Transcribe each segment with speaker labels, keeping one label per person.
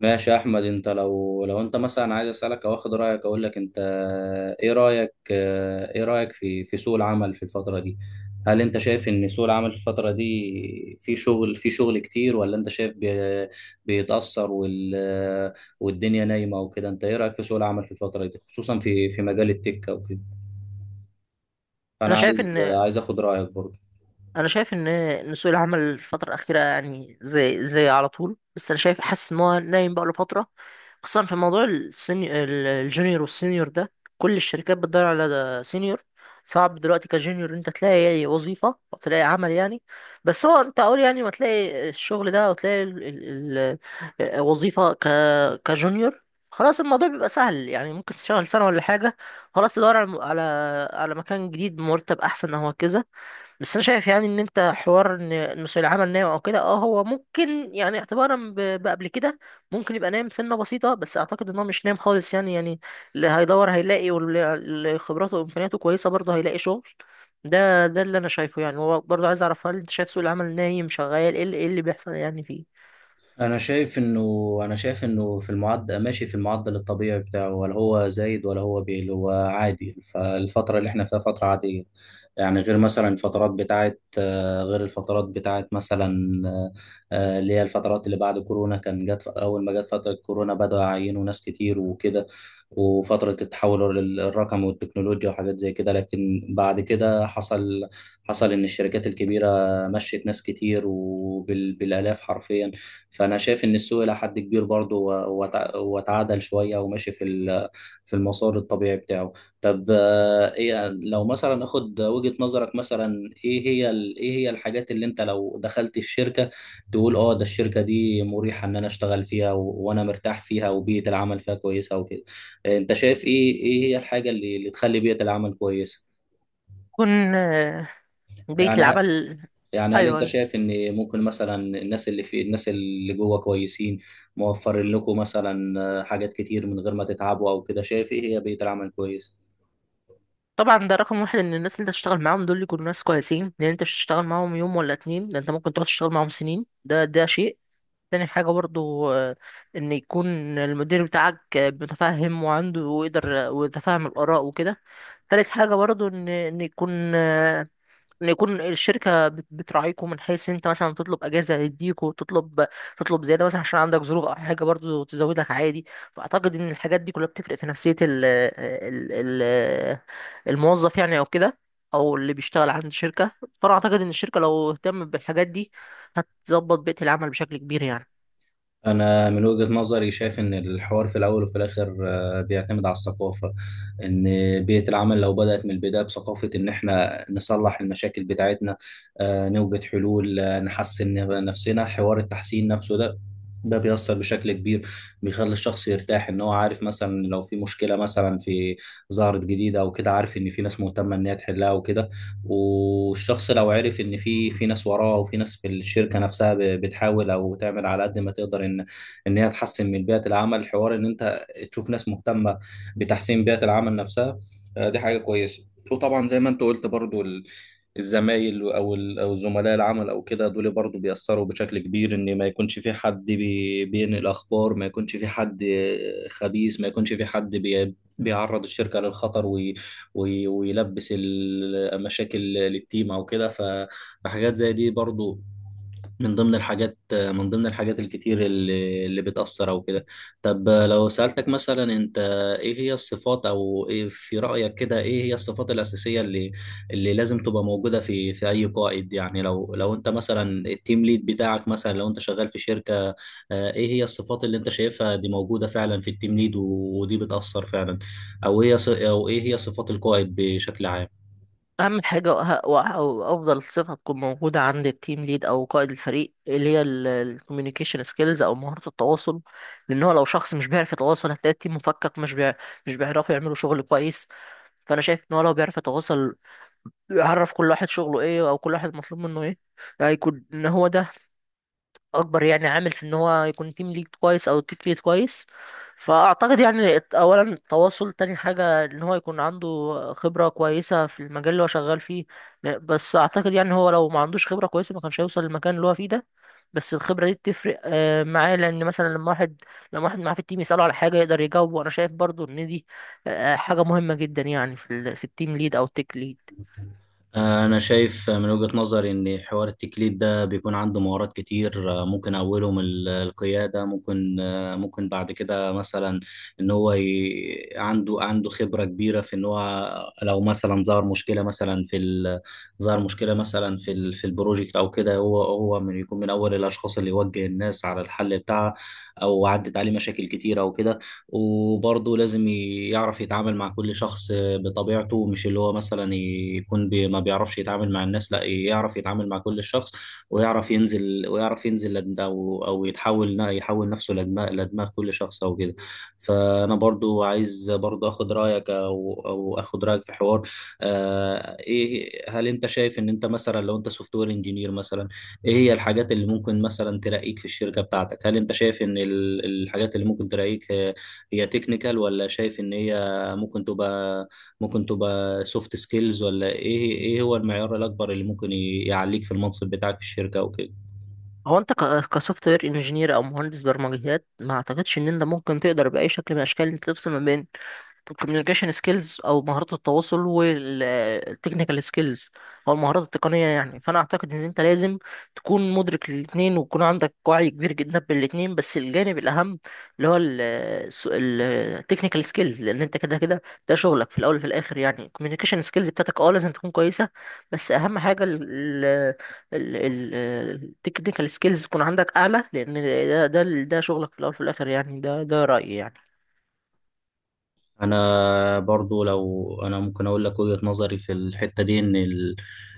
Speaker 1: ماشي يا احمد. انت لو انت مثلا عايز اسالك او اخد رايك اقول لك انت. ايه رايك في سوق العمل في الفتره دي؟ هل انت شايف ان سوق العمل في الفتره دي في شغل كتير ولا انت شايف بيتاثر والدنيا نايمه وكده؟ انت ايه رايك في سوق العمل في الفتره دي خصوصا في مجال التك او كده؟ فانا
Speaker 2: انا شايف
Speaker 1: عايز
Speaker 2: ان
Speaker 1: عايز اخد رايك برضه.
Speaker 2: انا شايف ان سوق العمل الفتره الاخيره يعني زي على طول، بس انا شايف حاسس ان هو نايم بقى له فتره، خصوصا في موضوع الجونيور والسينيور ده. كل الشركات بتدور على ده سينيور. صعب دلوقتي كجونيور إن انت تلاقي وظيفه او تلاقي عمل يعني. بس هو انت اقول يعني ما تلاقي الشغل ده او تلاقي وظيفه كجونيور، خلاص الموضوع بيبقى سهل يعني، ممكن تشتغل سنه ولا حاجه، خلاص تدور على مكان جديد بمرتب احسن او كذا. بس انا شايف يعني ان انت حوار ان إن سوق العمل نايم او كده، هو ممكن يعني اعتبارا بقبل كده، ممكن يبقى نايم سنه بسيطه، بس اعتقد ان هو مش نايم خالص يعني. اللي هيدور هيلاقي، واللي خبراته وامكانياته كويسه برضه هيلاقي شغل. ده اللي انا شايفه يعني. هو برضه عايز اعرف، هل انت شايف سوق العمل نايم؟ شغال، ايه اللي إيه اللي بيحصل يعني فيه؟
Speaker 1: انا شايف انه انا شايف انه في المعدل ماشي في المعدل الطبيعي بتاعه، ولا هو زايد ولا هو بيقل، هو عادي. فالفتره اللي احنا فيها فتره عاديه. يعني غير مثلا الفترات بتاعت غير الفترات بتاعت مثلا اللي هي الفترات اللي بعد كورونا. كان جت اول ما جت فتره كورونا بدأوا يعينوا ناس كتير وكده، وفتره التحول للرقم والتكنولوجيا وحاجات زي كده. لكن بعد كده حصل ان الشركات الكبيره مشت ناس كتير وبالالاف حرفيا. فانا شايف ان السوق الى حد كبير برضه وتعادل شويه وماشي في المسار الطبيعي بتاعه. طب ايه لو مثلا اخد وجهه نظرك مثلا، ايه هي الحاجات اللي انت لو دخلت في شركه تقول اه ده الشركه دي مريحه ان انا اشتغل فيها وانا مرتاح فيها وبيئه العمل فيها كويسه وكده؟ انت شايف ايه هي الحاجه اللي تخلي بيئه العمل كويسه؟
Speaker 2: يكون بيئه
Speaker 1: يعني
Speaker 2: العمل.
Speaker 1: يعني هل
Speaker 2: ايوه
Speaker 1: انت
Speaker 2: ايوه.
Speaker 1: شايف ان ممكن مثلا الناس اللي جوه كويسين، موفرين لكم مثلا حاجات كتير من غير ما تتعبوا او كده؟ شايف ايه هي بيئة العمل كويس.
Speaker 2: طبعا ده رقم واحد، ان الناس اللي انت تشتغل معاهم دول يكونوا ناس كويسين، لان انت مش هتشتغل معاهم يوم ولا اتنين، ده انت ممكن تقعد تشتغل معاهم سنين. ده شيء. تاني حاجة برضو إن يكون المدير بتاعك متفهم وعنده ويقدر ويتفهم الآراء وكده. تالت حاجة برضو إن يكون إن يكون الشركة بتراعيكم من حيث أنت مثلا تطلب أجازة يديكوا تطلب زيادة مثلا عشان عندك ظروف أو حاجة برضو تزودك عادي. فأعتقد إن الحاجات دي كلها بتفرق في نفسية ال ال ال الموظف يعني أو كده، أو اللي بيشتغل عند الشركة. فأنا أعتقد إن الشركة لو اهتمت بالحاجات دي هتظبط بيئة العمل بشكل كبير يعني.
Speaker 1: أنا من وجهة نظري شايف إن الحوار في الأول وفي الآخر بيعتمد على الثقافة. إن بيئة العمل لو بدأت من البداية بثقافة إن إحنا نصلح المشاكل بتاعتنا، نوجد حلول، نحسن نفسنا، حوار التحسين نفسه ده، ده بيأثر بشكل كبير. بيخلي الشخص يرتاح إن هو عارف مثلا لو في مشكلة مثلا ظهرت جديدة أو كده، عارف إن في ناس مهتمة إن هي تحلها وكده. والشخص لو عرف ان في ناس وراه، وفي ناس في الشركه نفسها بتحاول او تعمل على قد ما تقدر ان ان هي تحسن من بيئه العمل، الحوار ان انت تشوف ناس مهتمه بتحسين بيئه العمل نفسها، دي حاجه كويسه. وطبعا زي ما انت قلت برضو الزمايل او زملاء العمل او كده، دول برضو بيأثروا بشكل كبير. ان ما يكونش في حد بينقل اخبار، ما يكونش في حد خبيث، ما يكونش في حد بيعرض الشركة للخطر ويلبس المشاكل للتيم او كده. فحاجات زي دي برضو من ضمن الحاجات الكتير اللي بتأثر أو كده. طب لو سألتك مثلا، أنت إيه هي الصفات، أو إيه في رأيك كده إيه هي الصفات الأساسية اللي لازم تبقى موجودة في أي قائد؟ يعني لو أنت مثلا التيم ليد بتاعك، مثلا لو أنت شغال في شركة، إيه هي الصفات اللي أنت شايفها دي موجودة فعلا في التيم ليد ودي بتأثر فعلا؟ أو إيه هي صفات القائد بشكل عام؟
Speaker 2: اهم حاجه وافضل صفه تكون موجوده عند التيم ليد او قائد الفريق اللي هي الكوميونيكيشن سكيلز او مهاره التواصل، لان هو لو شخص مش بيعرف يتواصل هتلاقي التيم مفكك، مش بيعرفوا يعملوا شغل كويس. فانا شايف ان هو لو بيعرف يتواصل، يعرف كل واحد شغله ايه او كل واحد مطلوب منه ايه، هيكون ان هو ده اكبر يعني عامل في ان هو يكون تيم ليد كويس او تيم ليد كويس. فاعتقد يعني اولا التواصل. تاني حاجه ان هو يكون عنده خبره كويسه في المجال اللي هو شغال فيه. بس اعتقد يعني هو لو ما عندوش خبره كويسه ما كانش هيوصل للمكان اللي هو فيه ده. بس الخبره دي بتفرق معاه، لان مثلا لما واحد معاه في التيم يساله على حاجه يقدر يجاوبه. وانا شايف برضو ان دي حاجه مهمه جدا يعني في التيم ليد او التيك ليد.
Speaker 1: أنا شايف من وجهة نظري إن حوار التكليد ده بيكون عنده مهارات كتير. ممكن أولهم القيادة. ممكن ممكن بعد كده مثلا، إن هو عنده خبرة كبيرة في إن هو لو مثلا ظهر مشكلة مثلا في البروجكت أو كده، هو من يكون من أول الأشخاص اللي يوجه الناس على الحل بتاعها، أو عدت عليه مشاكل كتيرة أو كده. وبرضه لازم يعرف يتعامل مع كل شخص بطبيعته. مش اللي هو مثلا يكون ما بيعرفش يتعامل مع الناس، لا، يعرف يتعامل مع كل الشخص، ويعرف ينزل او يحول نفسه لدماغ كل شخص او كده. فانا برضو عايز برضو اخد رايك في حوار. ايه، هل انت شايف ان انت مثلا لو انت سوفت وير انجينير مثلا، ايه هي الحاجات اللي ممكن مثلا ترقيك في الشركه بتاعتك؟ هل انت شايف ان الحاجات اللي ممكن ترقيك هي تكنيكال، ولا شايف ان هي ممكن تبقى سوفت سكيلز، ولا ايه هو المعيار الاكبر اللي ممكن يعليك في المنصب بتاعك في الشركة او كده؟
Speaker 2: هو انت كسوفت وير انجينير او مهندس برمجيات، ما اعتقدش ان انت ممكن تقدر باي شكل من الاشكال انت تفصل ما بين الكوميونيكيشن سكيلز او مهارات التواصل والتكنيكال سكيلز او المهارات التقنيه يعني. فانا اعتقد ان انت لازم تكون مدرك للاثنين، ويكون عندك وعي كبير جدا بالاثنين، بس الجانب الاهم اللي هو التكنيكال سكيلز، لان انت كده كده ده شغلك في الاول وفي الاخر يعني. الكوميونيكيشن سكيلز بتاعتك لازم تكون كويسه، بس اهم حاجه التكنيكال سكيلز تكون عندك اعلى، لان ده شغلك في الاول وفي الاخر يعني. ده رايي يعني.
Speaker 1: انا برضو لو انا ممكن اقول لك وجهة نظري في الحتة دي،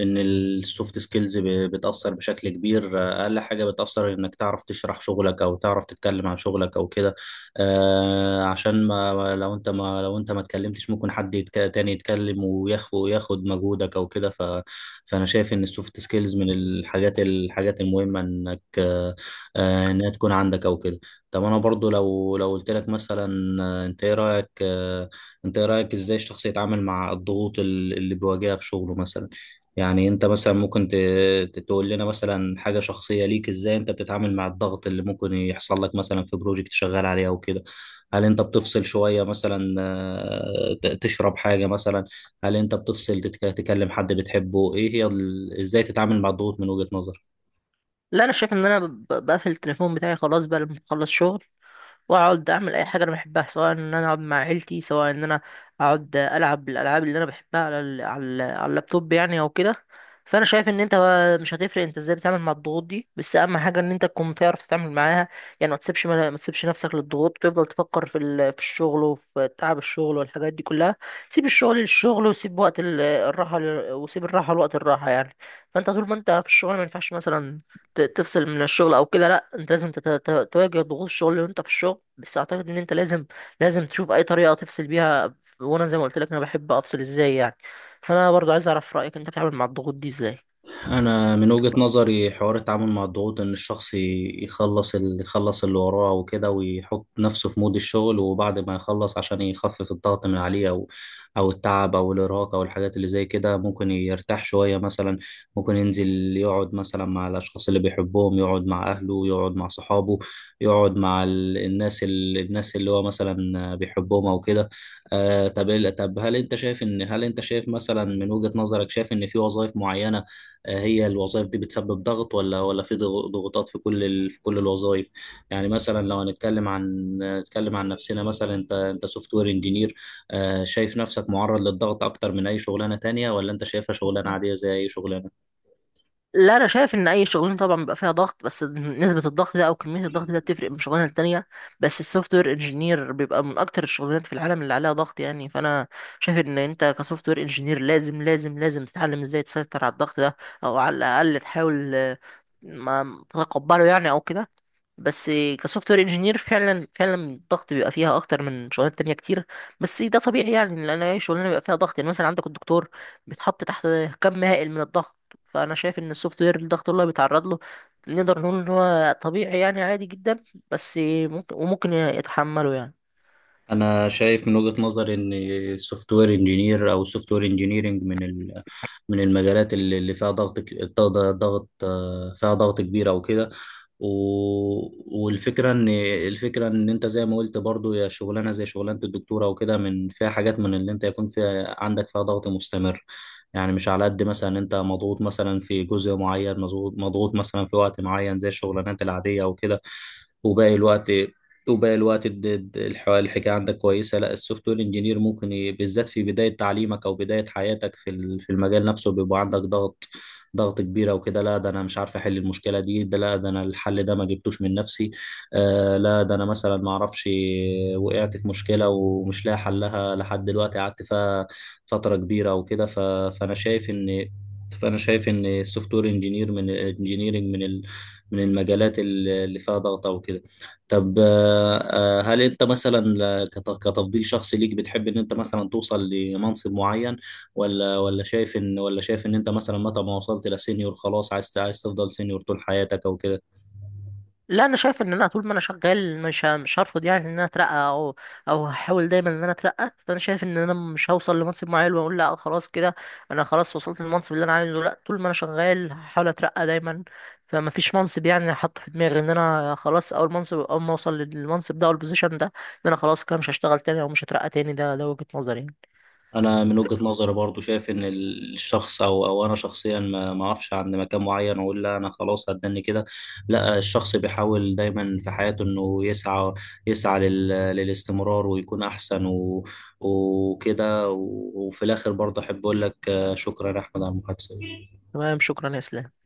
Speaker 1: ان السوفت سكيلز بتأثر بشكل كبير. اقل حاجة بتأثر انك تعرف تشرح شغلك او تعرف تتكلم عن شغلك او كده. عشان، ما لو انت ما اتكلمتش ممكن حد تاني يتكلم وياخد مجهودك او كده. فانا شايف ان السوفت سكيلز من الحاجات المهمة انك آه آه، انها تكون عندك او كده. طب انا برضو لو قلت لك مثلا، انت ايه رايك انت ايه رايك ازاي الشخص يتعامل مع الضغوط اللي بيواجهها في شغله مثلا؟ يعني انت مثلا ممكن تقول لنا مثلا حاجه شخصيه ليك، ازاي انت بتتعامل مع الضغط اللي ممكن يحصل لك مثلا في بروجكت شغال عليه او كده؟ هل انت بتفصل شويه مثلا، تشرب حاجه مثلا؟ هل انت بتفصل، تكلم حد بتحبه؟ ايه هي ازاي تتعامل مع الضغوط من وجهه نظرك؟
Speaker 2: لا انا شايف ان انا بقفل التليفون بتاعي خلاص بقى لما بخلص شغل، واقعد اعمل اي حاجه انا بحبها، سواء ان انا اقعد مع عيلتي، سواء ان انا اقعد العب الالعاب اللي انا بحبها على اللابتوب يعني او كده. فانا شايف ان انت بقى مش هتفرق انت ازاي بتتعامل مع الضغوط دي، بس اهم حاجه ان انت تكون بتعرف تتعامل معاها، يعني ما تسيبش نفسك للضغوط، وتفضل تفكر في الشغل وفي تعب الشغل والحاجات دي كلها. سيب الشغل للشغل، وسيب وقت الراحه وسيب الراحه لوقت الراحه يعني. فانت طول ما انت في الشغل ما ينفعش مثلا تفصل من الشغل او كده، لا انت لازم تواجه ضغوط الشغل وانت في الشغل، بس اعتقد ان انت لازم تشوف اي طريقه تفصل بيها. وانا زي ما قلت لك انا بحب افصل ازاي يعني. فانا برضو عايز اعرف رايك، انت بتتعامل مع الضغوط دي ازاي؟
Speaker 1: انا من وجهة نظري حوار التعامل مع الضغوط، ان الشخص يخلص اللي وراه وكده، ويحط نفسه في مود الشغل، وبعد ما يخلص عشان يخفف الضغط من عليه، او او التعب او الارهاق او الحاجات اللي زي كده، ممكن يرتاح شوية مثلا. ممكن ينزل يقعد مثلا مع الاشخاص اللي بيحبهم، يقعد مع اهله، يقعد مع صحابه، يقعد مع الناس اللي هو مثلا بيحبهم او كده. طب هل انت شايف مثلا من وجهة نظرك، شايف ان في وظائف معينة، هي الوظائف دي بتسبب ضغط، ولا في ضغوطات في كل ال... في كل الوظائف؟ يعني مثلا لو هنتكلم عن نتكلم عن نفسنا مثلا، انت سوفت وير انجينير، شايف نفسك معرض للضغط اكتر من اي شغلانه تانية، ولا انت شايفها شغلانه عاديه زي اي شغلانه؟
Speaker 2: لا انا شايف ان اي شغلانه طبعا بيبقى فيها ضغط، بس نسبه الضغط ده او كميه الضغط ده بتفرق من شغلانه للتانيه. بس السوفت وير انجينير بيبقى من اكتر الشغلانات في العالم اللي عليها ضغط يعني. فانا شايف ان انت كسوفت وير انجينير لازم لازم لازم تتعلم ازاي تسيطر على الضغط ده، او على الاقل تحاول ما تتقبله يعني او كده. بس كسوفت وير انجينير فعلا فعلا الضغط بيبقى فيها اكتر من شغلانات تانية كتير، بس ده طبيعي يعني، لان اي شغلانه بيبقى فيها ضغط يعني. مثلا عندك الدكتور بيتحط تحت كم هائل من الضغط. فانا شايف ان السوفت وير، الضغط اللي هو بيتعرض له نقدر نقول ان هو طبيعي يعني، عادي جدا، بس ممكن وممكن يتحمله يعني.
Speaker 1: انا شايف من وجهة نظري ان السوفت وير انجينير او السوفت وير انجينيرنج من من المجالات اللي فيها ضغط ك- ضغط ضغط- آه، فيها ضغط كبير او كده. والفكره ان، الفكره ان انت زي ما قلت برضو، يا شغلانه زي شغلانه الدكتوره وكده، من فيها حاجات من اللي انت يكون فيها عندك فيها ضغط مستمر. يعني مش على قد مثلا انت مضغوط مثلا في جزء معين، مضغوط مثلا في وقت معين زي الشغلانات العاديه وكده. وباقي الوقت وباقي الوقت الحكايه عندك كويسه، لا. السوفت وير انجينير ممكن بالذات في بدايه تعليمك او بدايه حياتك في المجال نفسه بيبقى عندك ضغط كبيره وكده. لا ده انا مش عارف احل المشكله دي، ده لا ده انا الحل ده ما جبتوش من نفسي. لا ده انا مثلا ما اعرفش، وقعت في مشكله ومش لاقي حلها لحد دلوقتي، قعدت فيها فتره كبيره وكده. فانا شايف ان فانا شايف ان السوفت وير انجينير من الانجينيرنج، من المجالات اللي فيها ضغط او كده. طب هل انت مثلا، كتفضيل شخصي ليك، بتحب ان انت مثلا توصل لمنصب معين، ولا شايف ان انت مثلا متى ما وصلت لسينيور خلاص عايز تفضل سينيور طول حياتك او كده؟
Speaker 2: لا انا شايف ان انا طول ما انا شغال مش هرفض يعني ان انا اترقى، او هحاول دايما ان انا اترقى. فانا شايف ان انا مش هوصل لمنصب معين واقول لا خلاص كده، انا خلاص وصلت للمنصب اللي انا عايزه، لا طول ما انا شغال هحاول اترقى دايما. فما فيش منصب يعني حاطه في دماغي ان انا خلاص، اول منصب اول ما اوصل للمنصب ده او البوزيشن ده ان انا خلاص كده مش هشتغل تاني او مش هترقى تاني. ده وجهة نظري يعني.
Speaker 1: انا من وجهة نظري برضو شايف ان الشخص، او او انا شخصيا، ما اعرفش عند مكان معين واقول لا انا خلاص هتدني كده. لا، الشخص بيحاول دايما في حياته انه يسعى للاستمرار ويكون احسن وكده. وفي الاخر برضه احب اقول لك شكرا يا احمد على المحادثة.
Speaker 2: تمام، شكرا يا اسلام.